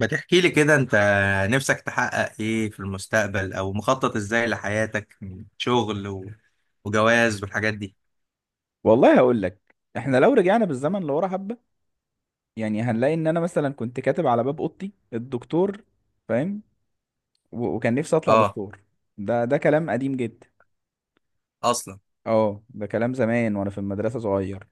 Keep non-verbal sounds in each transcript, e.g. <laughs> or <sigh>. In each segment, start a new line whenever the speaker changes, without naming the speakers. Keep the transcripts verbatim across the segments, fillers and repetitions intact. ما تحكي لي كده. انت نفسك تحقق ايه في المستقبل، او مخطط ازاي لحياتك من شغل و... وجواز والحاجات دي.
والله هقول لك، احنا لو رجعنا بالزمن لورا حبه، يعني هنلاقي ان انا مثلا كنت كاتب على باب اوضتي الدكتور. فاهم؟ و- وكان نفسي اطلع
اه.
دكتور. ده ده كلام قديم جدا.
اصلا.
اه، ده كلام زمان وانا في المدرسه صغير.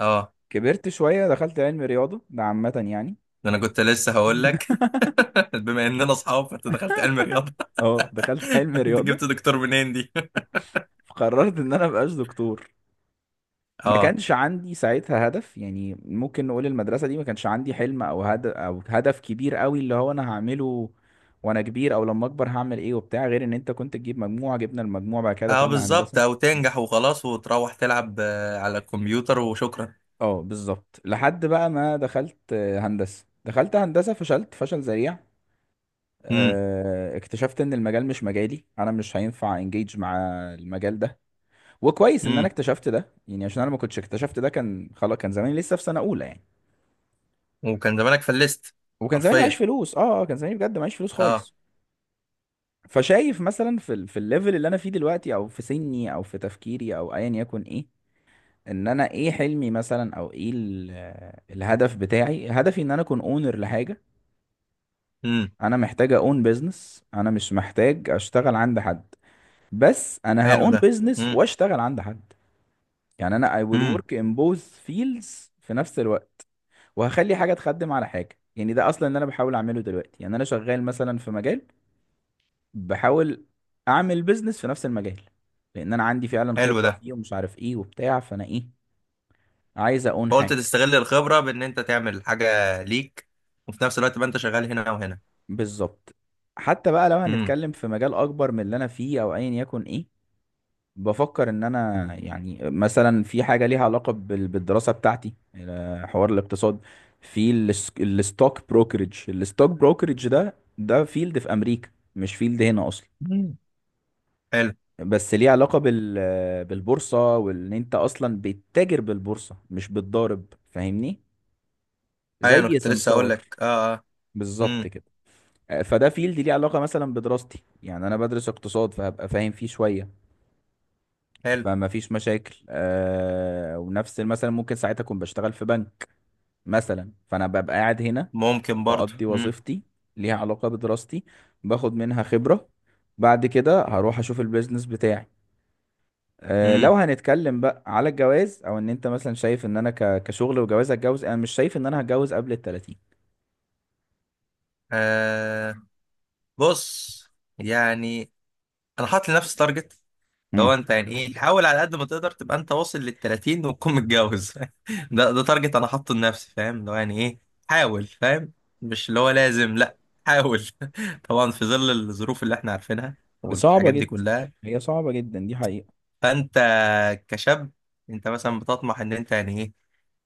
اه،
كبرت شويه دخلت علم رياضه، ده عامه يعني.
ده انا
فاهم؟
كنت لسه هقول
<laughs>
لك. <laughs> بما اننا اصحاب، فانت دخلت علم رياضه.
اه، دخلت علم
<laughs> انت
رياضه،
جبت دكتور منين دي؟
فقررت ان انا مبقاش دكتور.
<laughs>
ما
اه،
كانش عندي ساعتها هدف، يعني ممكن نقول المدرسة دي ما كانش عندي حلم او هدف، او هدف كبير قوي اللي هو انا هعمله وانا كبير، او لما اكبر هعمل ايه وبتاع، غير ان انت كنت تجيب مجموعة، جبنا المجموع بعد كده
اه
دخلنا
بالظبط. او
هندسة.
تنجح وخلاص وتروح تلعب آه، على الكمبيوتر وشكرا.
اه بالظبط، لحد بقى ما دخلت آه، هندسة. دخلت هندسة فشلت فشل ذريع.
امم،
آه، اكتشفت ان المجال مش مجالي، انا مش هينفع انجيج مع المجال ده. وكويس ان انا
امم.
اكتشفت ده، يعني عشان انا ما كنتش اكتشفت ده كان خلاص، كان زماني لسه في سنة اولى يعني.
وكان زمانك فلست.
وكان زماني معيش
حرفيا.
فلوس، اه آه، كان زماني بجد معيش فلوس
اه،
خالص. فشايف مثلا في ال... في الليفل اللي انا فيه دلوقتي، او في سني، او في تفكيري، او ايا يكن ايه، ان انا ايه حلمي مثلا، او ايه ال... الهدف بتاعي. هدفي ان انا اكون اونر لحاجه.
امم.
انا محتاج اون بيزنس، انا مش محتاج اشتغل عند حد. بس انا
حلو
هاون
ده.
بيزنس
امم،
واشتغل عند حد. يعني انا I will
امم.
work in both fields في نفس الوقت. وهخلي حاجه تخدم على حاجه. يعني ده اصلا اللي انا بحاول اعمله دلوقتي، يعني انا شغال مثلا في مجال، بحاول اعمل بيزنس في نفس المجال، لان انا عندي فعلا
حلو
خبرة
ده.
فيه، ومش عارف ايه وبتاع. فانا ايه، عايز اقون
فقلت
حاجة.
تستغل الخبرة بإن أنت تعمل حاجة ليك، وفي نفس الوقت بقى أنت شغال هنا وهنا.
بالظبط. حتى بقى لو
امم.
هنتكلم في مجال اكبر من اللي انا فيه او ايا يكن ايه، بفكر ان انا يعني مثلا في حاجة ليها علاقة بال- بالدراسة بتاعتي، آه، حوار الاقتصاد. في الس- الستوك بروكرج. الستوك بروكرج ده ده فيلد في امريكا، مش فيلد هنا اصلا.
مم. حلو.
بس ليه علاقة بال، بالبورصة، وان انت اصلا بتتاجر بالبورصة مش بتضارب، فاهمني؟
أيوة أنا
زي
كنت لسه أقول
سمسار.
لك. أه أه.
بالظبط
امم.
كده. فده فيلد ليه علاقة مثلا بدراستي، يعني انا بدرس اقتصاد فهبقى فاهم فيه شوية.
حلو.
فما فيش مشاكل. آه ونفس مثلا ممكن ساعتها اكون بشتغل في بنك مثلا، فانا ببقى قاعد هنا
ممكن برضه.
بقضي
امم،
وظيفتي ليها علاقة بدراستي، باخد منها خبرة، بعد كده هروح اشوف البيزنس بتاعي. آه، لو
امم.
هنتكلم بقى على الجواز، او ان انت مثلا شايف ان انا ك- كشغل وجواز هتجوز، انا مش شايف ان انا هتجوز قبل ال الثلاثين.
آه. بص، يعني أنا حاطط لنفسي تارجت.
امم.
لو انت يعني ايه، حاول على قد ما تقدر تبقى انت واصل لل الثلاثين وتكون متجوز. <laughs> ده ده تارجت انا حاطه لنفسي، فاهم. لو يعني ايه، حاول، فاهم. مش اللي هو لازم، لا. حاول. <laughs> طبعا في ظل الظروف اللي احنا عارفينها
دي صعبة
والحاجات دي
جدا.
كلها.
هي صعبة جدا، دي حقيقة.
فانت كشاب، انت مثلا بتطمح ان انت يعني ايه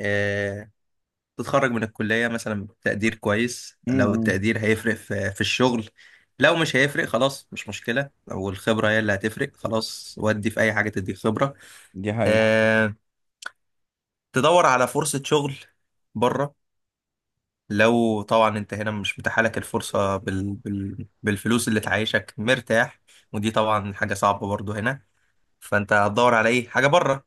آه، تتخرج من الكلية مثلا بتقدير كويس. لو
امم.
التقدير هيفرق في في الشغل، لو مش هيفرق خلاص مش مشكلة. لو الخبرة هي اللي هتفرق، خلاص، ودي في أي حاجة تديك خبرة.
دي حقيقة.
آه، تدور على فرصة شغل بره. لو طبعا انت هنا مش متاحة لك الفرصة بال... بال... بالفلوس اللي تعيشك مرتاح، ودي طبعا حاجة صعبة برضو هنا. فانت هتدور على ايه حاجة بره.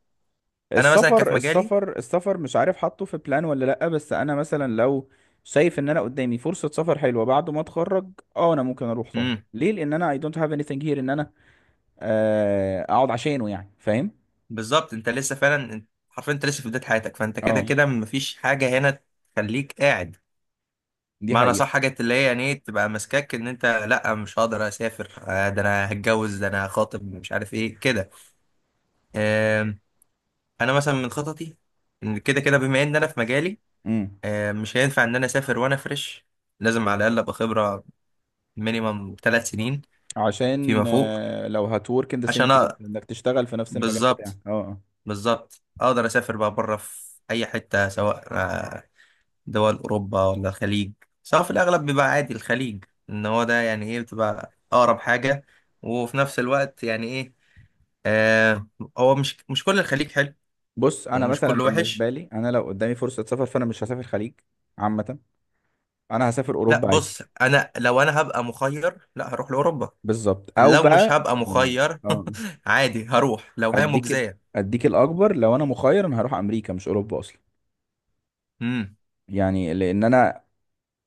انا مثلا كان
السفر
في مجالي.
السفر السفر، مش عارف حاطه في بلان ولا لأ. بس انا مثلا لو شايف ان انا قدامي فرصة سفر حلوة بعد ما اتخرج، اه انا ممكن اروح طبعا.
امم.
ليه؟ لان انا I don't have anything here ان انا آه، اقعد عشانه، يعني فاهم.
بالظبط. انت لسه فعلا انت- حرفيا انت لسه في بداية حياتك، فانت كده
اه
كده مفيش حاجة هنا تخليك قاعد.
دي
معنى
حقيقة.
صح، حاجة اللي هي يعني ايه تبقى ماسكاك ان انت لا مش هقدر اسافر، آه، ده انا هتجوز، ده انا هخاطب، مش عارف ايه كده. انا مثلا من خططي، إن كده كده بما ان انا في مجالي
امم.
آه، مش هينفع ان انا اسافر وانا فريش. لازم على الاقل ابقى خبره مينيمم ثلاث سنين
عشان
فيما فوق.
آه، لو هتورك ان ذا سيم
عشان
فيلد،
أ-
انك تشتغل في نفس المجال بتاعك،
بالظبط،
اه آه.
بالظبط اقدر اسافر بقى بره في اي حته، سواء آه، دول اوروبا ولا الخليج. سواء في الاغلب بيبقى عادي الخليج، ان هو ده يعني ايه بتبقى اقرب حاجه، وفي نفس الوقت يعني ايه آه، هو مش مش كل الخليج حلو
بص انا
ومش
مثلا
كله وحش.
بالنسبه لي، انا لو قدامي فرصه سفر فانا مش هسافر خليج عامه. انا هسافر
لا
اوروبا عادي.
بص، انا لو انا هبقى مخير، لا هروح لاوروبا.
بالظبط. او
لو مش
بقى
هبقى
يعني،
مخير،
اه،
<laughs> عادي هروح لو هي
اديك ال-
مجزية.
اديك الاكبر. لو انا مخير انا هروح امريكا مش اوروبا اصلا.
امم.
يعني لان انا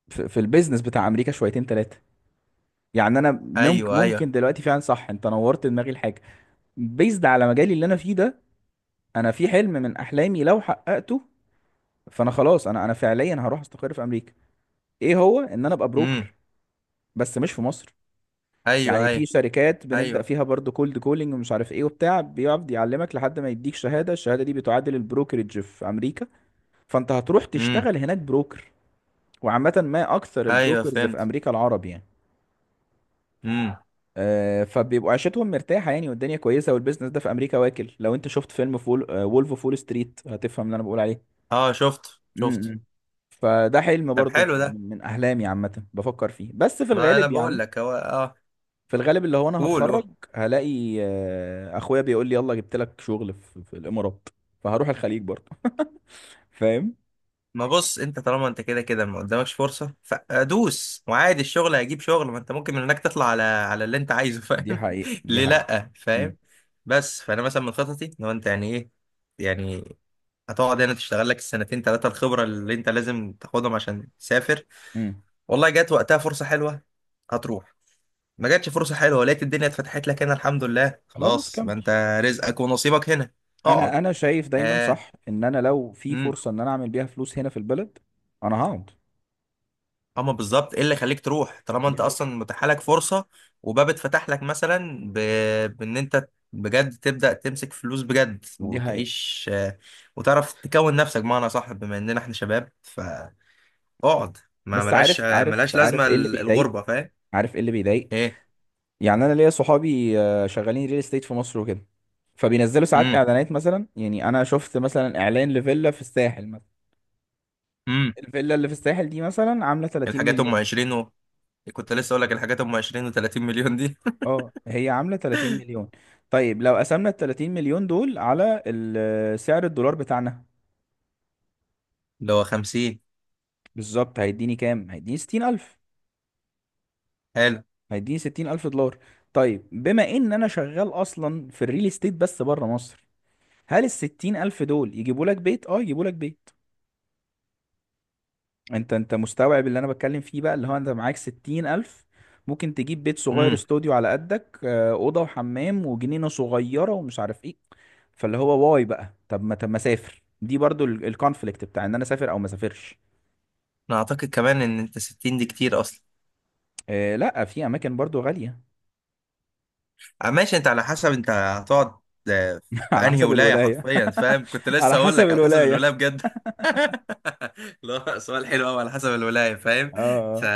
في, في البيزنس بتاع امريكا شويتين ثلاثه. يعني انا ممكن،
ايوه
ممكن
ايوه.
دلوقتي فعلا صح، انت نورت دماغي الحاجه بيزد على مجالي اللي انا فيه ده. انا في حلم من احلامي، لو حققته فانا خلاص، انا انا فعليا هروح استقر في امريكا. ايه هو؟ ان انا ابقى
امم.
بروكر، بس مش في مصر.
ايوه
يعني في
ايوه.
شركات بنبدا
ايوه.
فيها برضو كولد كولينج ومش عارف ايه وبتاع، بيقعد يعلمك لحد ما يديك شهاده، الشهاده دي بتعادل البروكرج في امريكا. فانت هتروح
امم.
تشتغل هناك بروكر. وعامه ما اكثر
ايوه
البروكرز في
فهمت.
امريكا العرب يعني.
امم.
آه، فبيبقوا عيشتهم مرتاحه يعني، والدنيا كويسه، والبيزنس ده في امريكا واكل. لو انت شفت فيلم فول وولف اوف وول ستريت هتفهم اللي انا بقول عليه.
اه شفت
م-
شفت.
م. فده حلم
طب
برضو من
حلو ده.
من من احلامي عامه، بفكر فيه بس في
ما انا
الغالب
بقول
يعني.
لك هو اه.
في الغالب اللي هو انا
قول
هتخرج،
قول.
هلاقي آه، اخويا بيقول لي يلا جبت لك شغل في, في الامارات، فهروح الخليج برضو. <laughs> فاهم.
ما بص، انت طالما انت كده كده ما قدامكش فرصة، فادوس، وعادي الشغل هيجيب شغل، ما انت ممكن من هناك تطلع على على اللي انت عايزه،
دي
فاهم. <laughs>
حقيقة، دي
ليه
حقيقة.
لأ،
امم.
فاهم. بس فانا مثلا من خططي، لو انت يعني ايه، يعني هتقعد هنا تشتغل لك السنتين ثلاثة الخبرة اللي انت لازم تاخدهم عشان تسافر.
امم.
والله جات وقتها فرصة حلوة، هتروح. ما جاتش فرصة حلوة، لقيت الدنيا اتفتحت لك هنا، الحمد لله
خلاص
خلاص، ما
كمل.
انت رزقك ونصيبك هنا، اقعد.
انا، انا شايف دايما
آه.
صح ان انا لو في فرصة ان انا اعمل بيها فلوس هنا في البلد انا هقعد.
اما بالظبط، ايه اللي خليك تروح طالما
دي
انت
حقيقة.
اصلا متاح لك فرصه وباب اتفتح لك مثلا ب... بان انت بجد تبدا تمسك فلوس بجد
دي حقيقة.
وتعيش آه، وتعرف تكون نفسك، بمعنى صح بما اننا احنا شباب، فاقعد. ما
بس
ملاش
عارف،
آه،
عارف
ملاش لازمه
عارف ايه اللي
ال-
بيضايق؟
الغربه، فاهم.
عارف ايه اللي بيضايق؟
ايه.
يعني انا ليا صحابي آه، شغالين ريل استيت في مصر وكده، فبينزلوا ساعات
امم،
اعلانات مثلا. يعني انا شفت مثلا اعلان لفيلا في الساحل مثلا.
امم.
الفيلا اللي في الساحل دي مثلا عامله ثلاثين
الحاجات ام
مليون.
عشرين و... كنت لسه اقول لك الحاجات ام عشرين و30 مليون دي.
اه هي عامله ثلاثين مليون. طيب لو قسمنا ال الثلاثين مليون دول على ال- سعر الدولار بتاعنا،
<laughs> اللي هو خمسين.
بالظبط هيديني كام؟ هيديني ستين ألف.
حلو.
هيديني ستين ألف دولار. طيب بما ان انا شغال اصلا في الريل استيت بس بره مصر، هل ال الستين ألف دول يجيبوا لك بيت؟ اه يجيبوا لك بيت. انت، انت مستوعب اللي انا بتكلم فيه بقى، اللي هو انت معاك ستين الف، ممكن تجيب بيت صغير،
امم.
استوديو على قدك، آه، اوضه وحمام وجنينه صغيره ومش عارف ايه. فاللي هو واي بقى؟ طب ما، طب ما اسافر. دي برضو الكونفليكت بتاع ان انا اسافر او ما اسافرش.
انا اعتقد كمان ان انت ستين دي كتير اصلا.
آه، لا في اماكن برضو غاليه.
آه، ماشي، انت على حسب انت هتقعد آه،
<laughs>
في
على
انهي
حسب
ولايه،
الولايه.
حرفيا، فاهم. كنت
<laughs> على
لسه اقول
حسب
لك على حسب
الولايه.
الولايه، بجد. <laughs> لا، سؤال حلو قوي، على حسب الولايه، فاهم.
اه
ف
آه،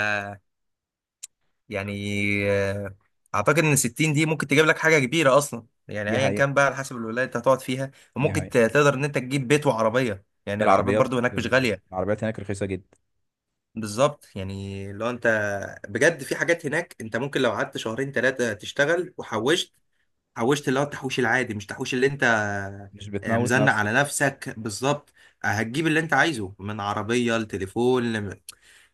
يعني آه، اعتقد ان ستين دي ممكن تجيب لك حاجه كبيره اصلا. يعني
دي
ايا كان
حقيقه،
بقى على حسب الولايه انت هتقعد فيها،
دي
وممكن
حقيقه.
ت- تقدر ان انت تجيب بيت وعربيه. يعني العربيات
العربيات،
برضو هناك مش
آه،
غاليه.
العربيات هناك رخيصه جدا.
بالظبط. يعني لو انت بجد في حاجات هناك انت ممكن لو قعدت شهرين ثلاثه تشتغل وحوشت، حوشت اللي هو التحويش العادي، مش تحويش اللي انت
مش
آه،
بتموت
مزنق على
نفسك.
نفسك، بالظبط. آه، هتجيب اللي انت عايزه من عربية لتليفون لم-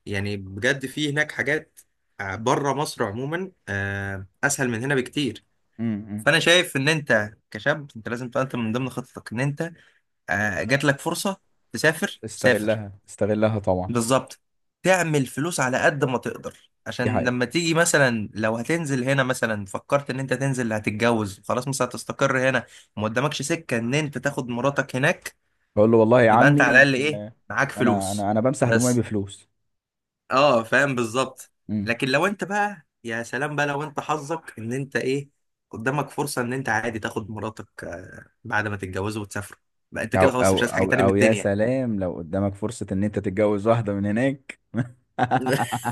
يعني بجد في هناك حاجات آه، بره مصر عموما آه، اسهل من هنا بكتير.
م- م.
فانا شايف ان انت كشاب انت لازم تقدم من ضمن خطتك، ان انت آه، جات لك فرصة تسافر، سافر.
استغلها، استغلها طبعا.
بالظبط. تعمل فلوس على قد ما تقدر،
دي
عشان
حقيقه.
لما تيجي مثلا، لو هتنزل هنا مثلا، فكرت ان انت تنزل، هتتجوز، خلاص مثلا هتستقر هنا، وما قدامكش سكة ان انت تاخد مراتك هناك.
بقول له والله يا
يبقى انت على
عمي،
الاقل ايه،
آه،
معاك
انا،
فلوس،
انا انا بمسح دموعي
بس.
بفلوس.
اه فاهم بالظبط.
مم.
لكن لو انت بقى، يا سلام بقى، لو انت حظك ان انت ايه، قدامك فرصة ان انت عادي تاخد مراتك آه، بعد ما تتجوزوا وتسافروا، بقى انت
او
كده خلاص
او
مش عايز حاجة
او
تاني من
او يا
الدنيا.
سلام، لو قدامك فرصة ان انت تتجوز واحدة من هناك. <laughs>
<laughs>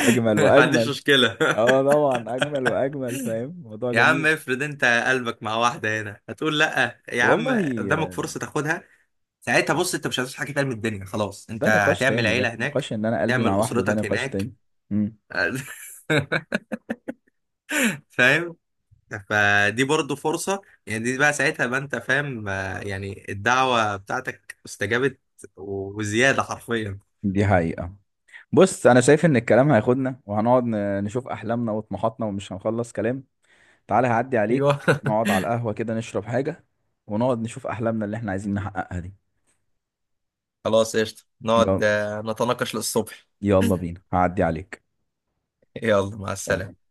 اجمل
ما عنديش
واجمل.
مشكلة.
اه طبعا، اجمل واجمل. فاهم، موضوع
يا عم
جميل.
افرض انت قلبك مع واحدة هنا، هتقول لا يا عم
والله
قدامك
آه،
فرصة تاخدها؟ ساعتها بص، انت مش هتعيش حاجة تاني من الدنيا، خلاص انت
ده نقاش
هتعمل
تاني. ده
عيلة هناك،
نقاش ان انا قلبي
تعمل
مع واحدة، ده
أسرتك
نقاش
هناك.
تاني. مم.
<laughs> فاهم. فدي برضو فرصة يعني. دي بقى ساعتها بقى انت فاهم آه، يعني الدعوة بتاعتك استجابت، وزيادة، حرفيا.
دي حقيقة. بص انا شايف ان الكلام هياخدنا وهنقعد ن- نشوف احلامنا وطموحاتنا ومش هنخلص كلام. تعالى هعدي
ايوه.
عليك، نقعد على القهوة كده نشرب حاجة، ونقعد نشوف أحلامنا اللي احنا عايزين نحققها دي.
<laughs> خلاص قشطة،
يلا،
نقعد آه، نتناقش للصبح.
يلا بينا، هعدي عليك.
يلا مع
سلام.
السلامة.